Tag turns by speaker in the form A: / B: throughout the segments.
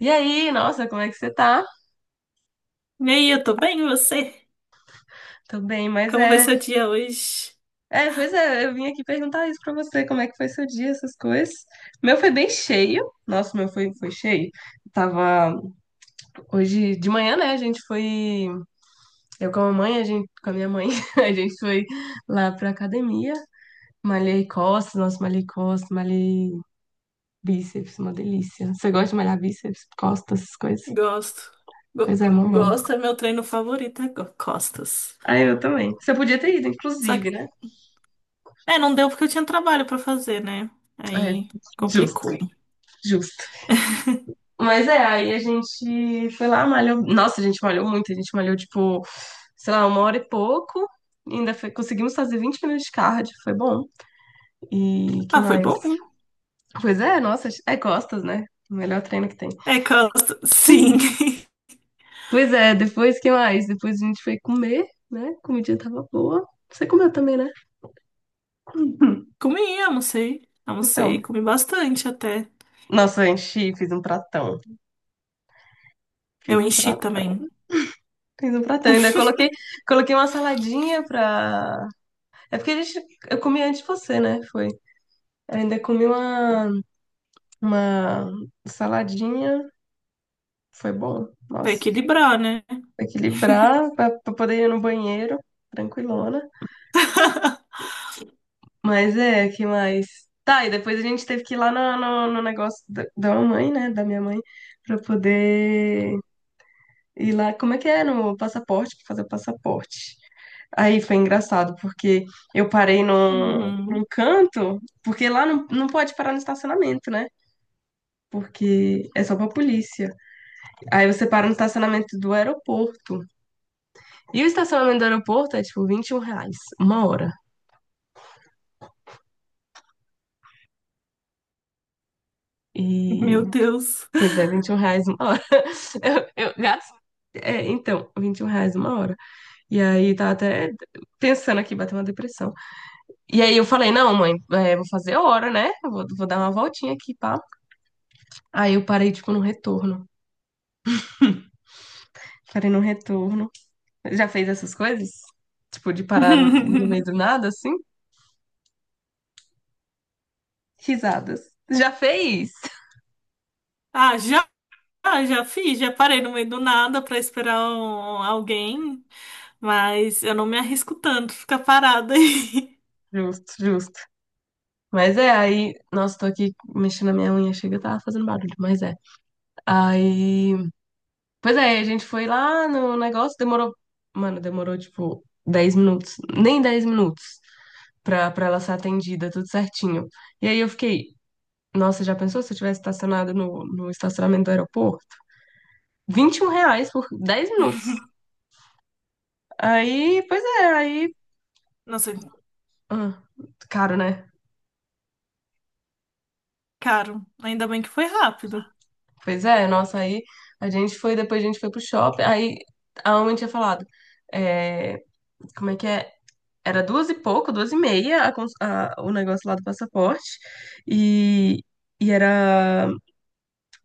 A: E aí, nossa, como é que você tá?
B: E aí, eu tô bem, e você?
A: Tô bem, mas
B: Como vai
A: é.
B: seu dia hoje?
A: É, pois é, eu vim aqui perguntar isso pra você, como é que foi seu dia, essas coisas. Meu foi bem cheio. Nossa, meu foi cheio. Eu tava. Hoje de manhã, né? A gente foi. Eu com a mamãe, a gente, com a minha mãe, a gente foi lá pra academia. Malhei costas, nossa, malhei costas, malhei bíceps, uma delícia. Você gosta de malhar bíceps, costas, essas coisas?
B: Gosto. Go-
A: Pois é, mó bom.
B: gosto é meu treino favorito, é costas.
A: Ah, eu também. Você podia ter ido,
B: Só que,
A: inclusive, né?
B: não deu porque eu tinha trabalho pra fazer, né?
A: É,
B: Aí
A: justo,
B: complicou.
A: justo. Mas é, aí a gente foi lá, malhou. Nossa, a gente malhou muito, a gente malhou tipo, sei lá, uma hora e pouco. Conseguimos fazer 20 minutos de cardio, foi bom. E que
B: Ah, foi
A: mais?
B: bom.
A: Pois é, nossa, é costas, né? O melhor treino que tem.
B: É costas, sim.
A: Pois é, depois que mais? Depois a gente foi comer, né? A comidinha tava boa. Você comeu também, né? Hum.
B: Comi, almocei. Almocei,
A: Então,
B: comi bastante até.
A: nossa, a gente fez um pratão. Fiz
B: Eu
A: um
B: enchi
A: prato
B: também.
A: Fiz um pratão, ainda coloquei uma saladinha pra. É porque a gente, eu comi antes de você, né? Foi. Ainda comi uma saladinha. Foi bom.
B: Pra
A: Nossa.
B: equilibrar, né?
A: Equilibrar pra poder ir no banheiro. Tranquilona. Mas é, que mais? Tá, e depois a gente teve que ir lá no negócio da mamãe, né? Da minha mãe. Pra poder ir lá. Como é que é? No passaporte? Pra fazer o passaporte. Aí foi engraçado, porque eu parei num
B: Uhum.
A: canto, porque lá não pode parar no estacionamento, né? Porque é só pra polícia. Aí você para no estacionamento do aeroporto. E o estacionamento do aeroporto é tipo R$ 21 uma hora. E.
B: Meu Deus.
A: Pois é, R$ 21 uma hora. Eu gasto. É, então, R$ 21 uma hora. E aí tá até pensando aqui, bateu uma depressão. E aí eu falei, não, mãe, é, vou fazer hora, né? Eu vou dar uma voltinha aqui, pá. Aí eu parei, tipo, no retorno. Parei no retorno. Já fez essas coisas? Tipo, de parar no meio do nada, assim? Risadas. Já fez?
B: Ah, já? Ah, já fiz, já parei no meio do nada pra esperar alguém, mas eu não me arrisco tanto ficar parada aí.
A: Justo, justo. Mas é, aí, nossa, tô aqui mexendo na minha unha, chega, tá fazendo barulho, mas é. Aí, pois é, a gente foi lá no negócio, demorou, mano, demorou tipo 10 minutos, nem 10 minutos pra ela ser atendida, tudo certinho. E aí eu fiquei, nossa, já pensou se eu tivesse estacionado no estacionamento do aeroporto? R$ 21 por 10 minutos. Aí, pois é, aí,
B: Nossa,
A: ah, caro, né?
B: caro. Ainda bem que foi rápido.
A: Pois é, nossa, aí a gente foi, depois a gente foi pro shopping, aí a mamãe tinha falado, é, como é que é? Era duas e pouco, duas e meia o negócio lá do passaporte, e, e era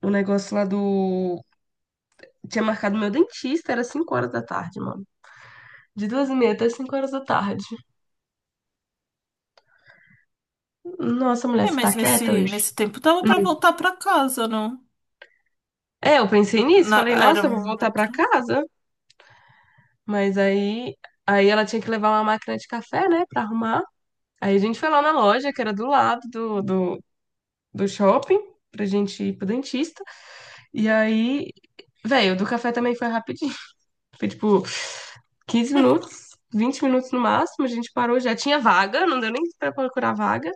A: o negócio lá do... Tinha marcado meu dentista, era 5 horas da tarde, mano. De duas e meia até 5 horas da tarde. Nossa, mulher,
B: É,
A: você tá
B: mas
A: quieta
B: nesse,
A: hoje?
B: nesse tempo dava pra voltar pra casa, não?
A: É, eu pensei nisso, falei,
B: Era
A: nossa, eu vou voltar pra
B: muito.
A: casa. Mas aí ela tinha que levar uma máquina de café, né, pra arrumar. Aí a gente foi lá na loja, que era do lado do shopping, pra gente ir pro dentista. E aí, velho, o do café também foi rapidinho. Foi tipo 15 minutos, 20 minutos no máximo. A gente parou, já tinha vaga, não deu nem pra procurar vaga.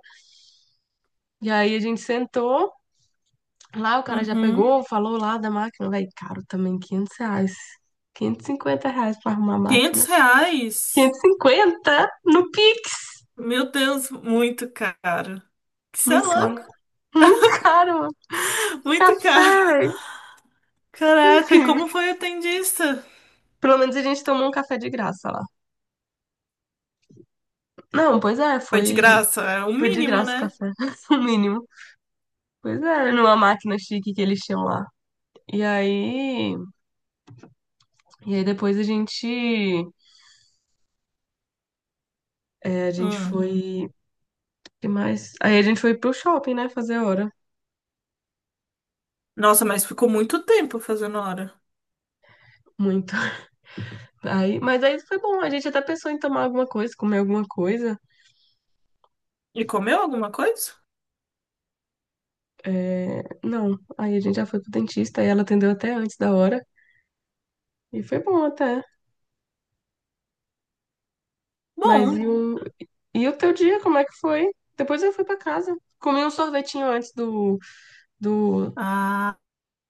A: E aí a gente sentou lá, o cara já
B: Uhum.
A: pegou, falou lá da máquina. Velho, caro também, R$ 500. R$ 550 pra arrumar a
B: 500
A: máquina.
B: reais?
A: 550 no Pix.
B: Meu Deus, muito caro. Isso é
A: Muito
B: louco.
A: caro. Muito caro.
B: Muito caro.
A: Café, velho.
B: Caraca, e
A: Enfim.
B: como foi o atendista?
A: Pelo menos a gente tomou um café de graça lá. Não, pois é,
B: Foi de
A: foi,
B: graça, é o
A: foi de
B: mínimo,
A: graça o
B: né?
A: café, o mínimo. Pois é, numa máquina chique que eles tinham lá. E aí, e aí depois a gente, é, a gente
B: Hum.
A: foi, que mais? Aí a gente foi pro shopping, né, fazer hora.
B: Nossa, mas ficou muito tempo fazendo hora.
A: Muito. Aí, mas aí foi bom, a gente até pensou em tomar alguma coisa, comer alguma coisa.
B: E comeu alguma coisa?
A: É, não, aí a gente já foi pro dentista e ela atendeu até antes da hora. E foi bom até. Mas
B: Bom.
A: e o teu dia, como é que foi? Depois eu fui pra casa. Comi um sorvetinho antes do,
B: Ah,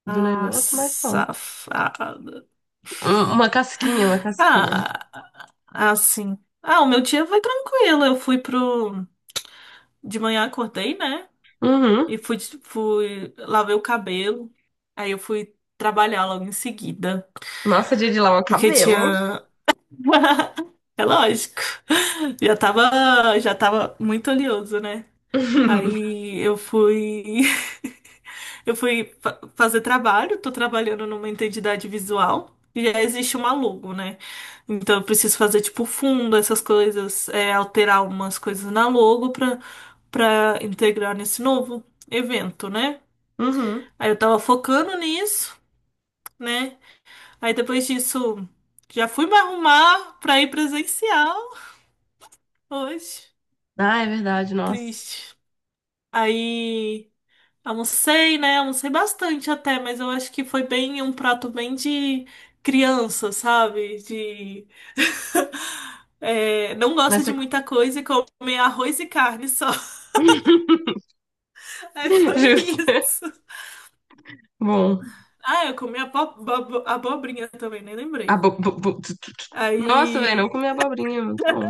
A: do
B: ah,
A: negócio, mas só.
B: safada.
A: Uma casquinha, uma casquinha.
B: Ah, assim. Ah, o meu dia foi tranquilo. Eu fui pro. De manhã acordei, né?
A: Uhum.
B: E fui. Lavei o cabelo. Aí eu fui trabalhar logo em seguida.
A: Nossa, dia de lavar o
B: Porque
A: cabelo.
B: tinha. É lógico. Já tava muito oleoso, né? Aí eu fui. Eu fui fazer trabalho, tô trabalhando numa entidade visual e já existe uma logo, né? Então eu preciso fazer tipo fundo, essas coisas, é, alterar umas coisas na logo pra integrar nesse novo evento, né?
A: Uhum.
B: Aí eu tava focando nisso, né? Aí depois disso já fui me arrumar pra ir presencial hoje.
A: Ah, é verdade, nossa.
B: Triste. Aí. Almocei, né? Almocei bastante até, mas eu acho que foi bem um prato bem de criança, sabe? De é, não
A: Mas
B: gosta de
A: você...
B: muita coisa e come arroz e carne só. Aí foi
A: Justo.
B: isso.
A: Bom.
B: Ah, eu comi abobrinha também, nem lembrei.
A: Abo... bo- bo- tu- tu- tu- Nossa, velho, não
B: Aí
A: comi abobrinha, muito bom.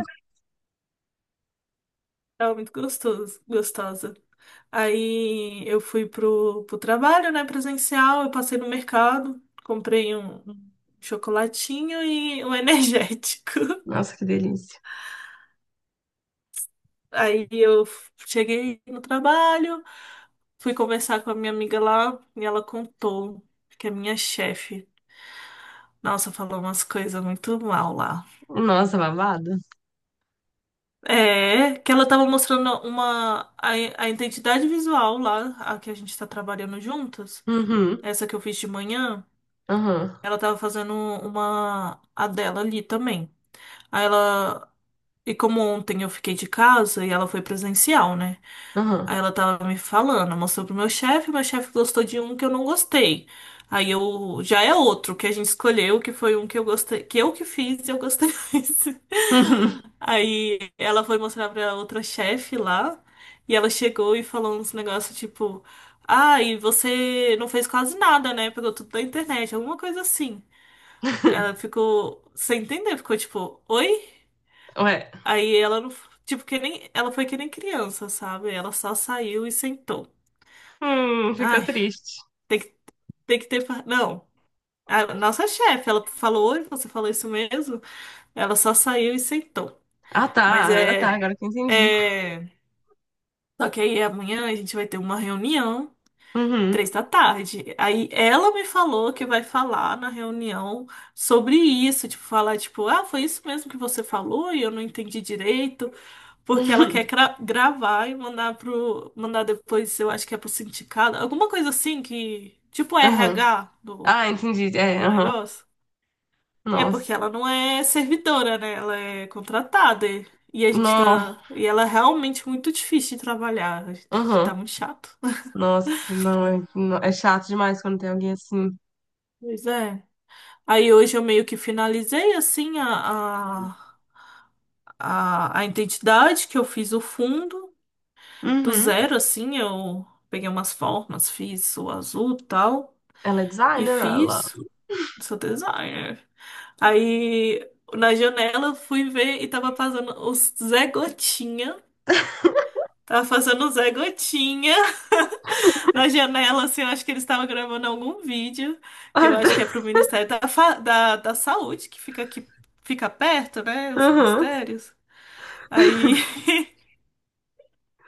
B: tava muito gostoso, gostosa. Aí eu fui pro trabalho, né, presencial, eu passei no mercado, comprei um chocolatinho e um energético.
A: Nossa, que delícia.
B: Aí eu cheguei no trabalho, fui conversar com a minha amiga lá e ela contou que a minha chefe, nossa, falou umas coisas muito mal lá.
A: Nossa, babado.
B: É, que ela tava mostrando a identidade visual lá, a que a gente tá trabalhando juntas,
A: Uhum.
B: essa que eu fiz de manhã,
A: Aham.
B: ela tava fazendo uma a dela ali também. Aí ela e como ontem eu fiquei de casa e ela foi presencial, né? Aí
A: Aham.
B: ela tava me falando, mostrou pro meu chefe gostou de um que eu não gostei. Aí eu já é outro que a gente escolheu, que foi um que eu gostei, que eu que fiz e eu gostei mais.
A: Uhum.
B: Aí ela foi mostrar pra outra chefe lá, e ela chegou e falou uns negócios tipo, ah, e você não fez quase nada, né? Pegou tudo da internet, alguma coisa assim. Ela ficou sem entender, ficou tipo, oi?
A: Ué.
B: Aí ela não, tipo que nem, ela foi que nem criança, sabe? Ela só saiu e sentou.
A: Ficou
B: Ai.
A: triste.
B: Tem que Tem que ter. Não. A nossa chefe, ela falou, "Oi, você falou isso mesmo? Ela só saiu e sentou.
A: Ah,
B: Mas
A: tá. Ah, tá.
B: é,
A: Agora que eu entendi.
B: é. Só que aí amanhã a gente vai ter uma reunião,
A: Uhum.
B: 3 da tarde. Aí ela me falou que vai falar na reunião sobre isso. Tipo, falar, tipo, ah, foi isso mesmo que você falou e eu não entendi direito. Porque ela quer
A: Uhum.
B: gravar e mandar pro. Mandar depois, eu acho que é pro sindicato. Alguma coisa assim que. Tipo
A: Aham.
B: RH do,
A: Ah, entendi. É,
B: do
A: aham.
B: negócio. É porque
A: Nossa.
B: ela não é servidora, né? Ela é contratada. E a gente
A: Nó.
B: tá. E ela é realmente muito difícil de trabalhar. A gente tá
A: Aham.
B: muito chato.
A: Nossa, não é, é chato demais quando tem alguém assim.
B: Pois é. Aí hoje eu meio que finalizei assim a identidade que eu fiz o fundo do
A: Uhum.
B: zero, assim, eu peguei umas formas, fiz o azul e tal,
A: Ela é
B: e
A: designer, ela.
B: fiz, sou designer. Aí na janela eu fui ver e tava passando o Zé Gotinha. Tava fazendo o Zé Gotinha na janela, assim, eu acho que eles estavam gravando algum vídeo, que eu
A: Ah, tá.
B: acho que é pro Ministério da Saúde, que fica aqui, fica perto, né, os
A: Aham.
B: ministérios. Aí,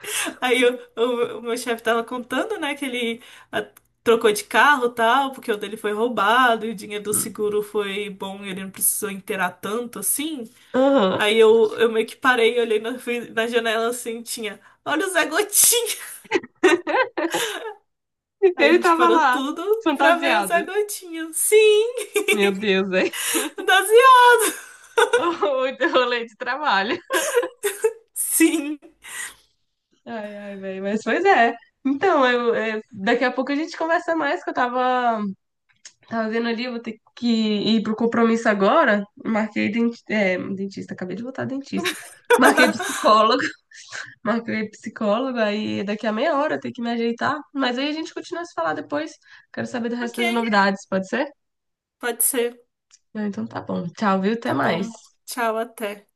B: aí o meu chefe tava contando, né, que ele ah, trocou de carro e tal, porque o dele foi roubado, e o dinheiro do seguro foi bom, e ele não precisou inteirar tanto, assim.
A: Aham.
B: Aí eu meio que parei, olhei na, fui na janela, assim, tinha, olha o Zé Gotinha! Aí a
A: Ele
B: gente
A: tava
B: parou
A: lá,
B: tudo pra ver o Zé
A: fantasiado.
B: Gotinha. Sim!
A: Meu Deus, velho.
B: 12 anos!
A: Muito rolê de trabalho.
B: Sim!
A: Ai, ai, velho. Mas pois é. Então, eu, é, daqui a pouco a gente conversa mais, que eu tava vendo ali, eu vou ter que ir pro compromisso agora. Marquei dentista, acabei de voltar dentista. Marquei psicólogo, marquei psicólogo, aí daqui a meia hora eu tenho que me ajeitar. Mas aí a gente continua a se falar depois. Quero saber do resto
B: Ok,
A: das novidades, pode ser?
B: pode ser.
A: Não, então tá bom. Tchau, viu? Até
B: Tá
A: mais.
B: bom. Tchau, até.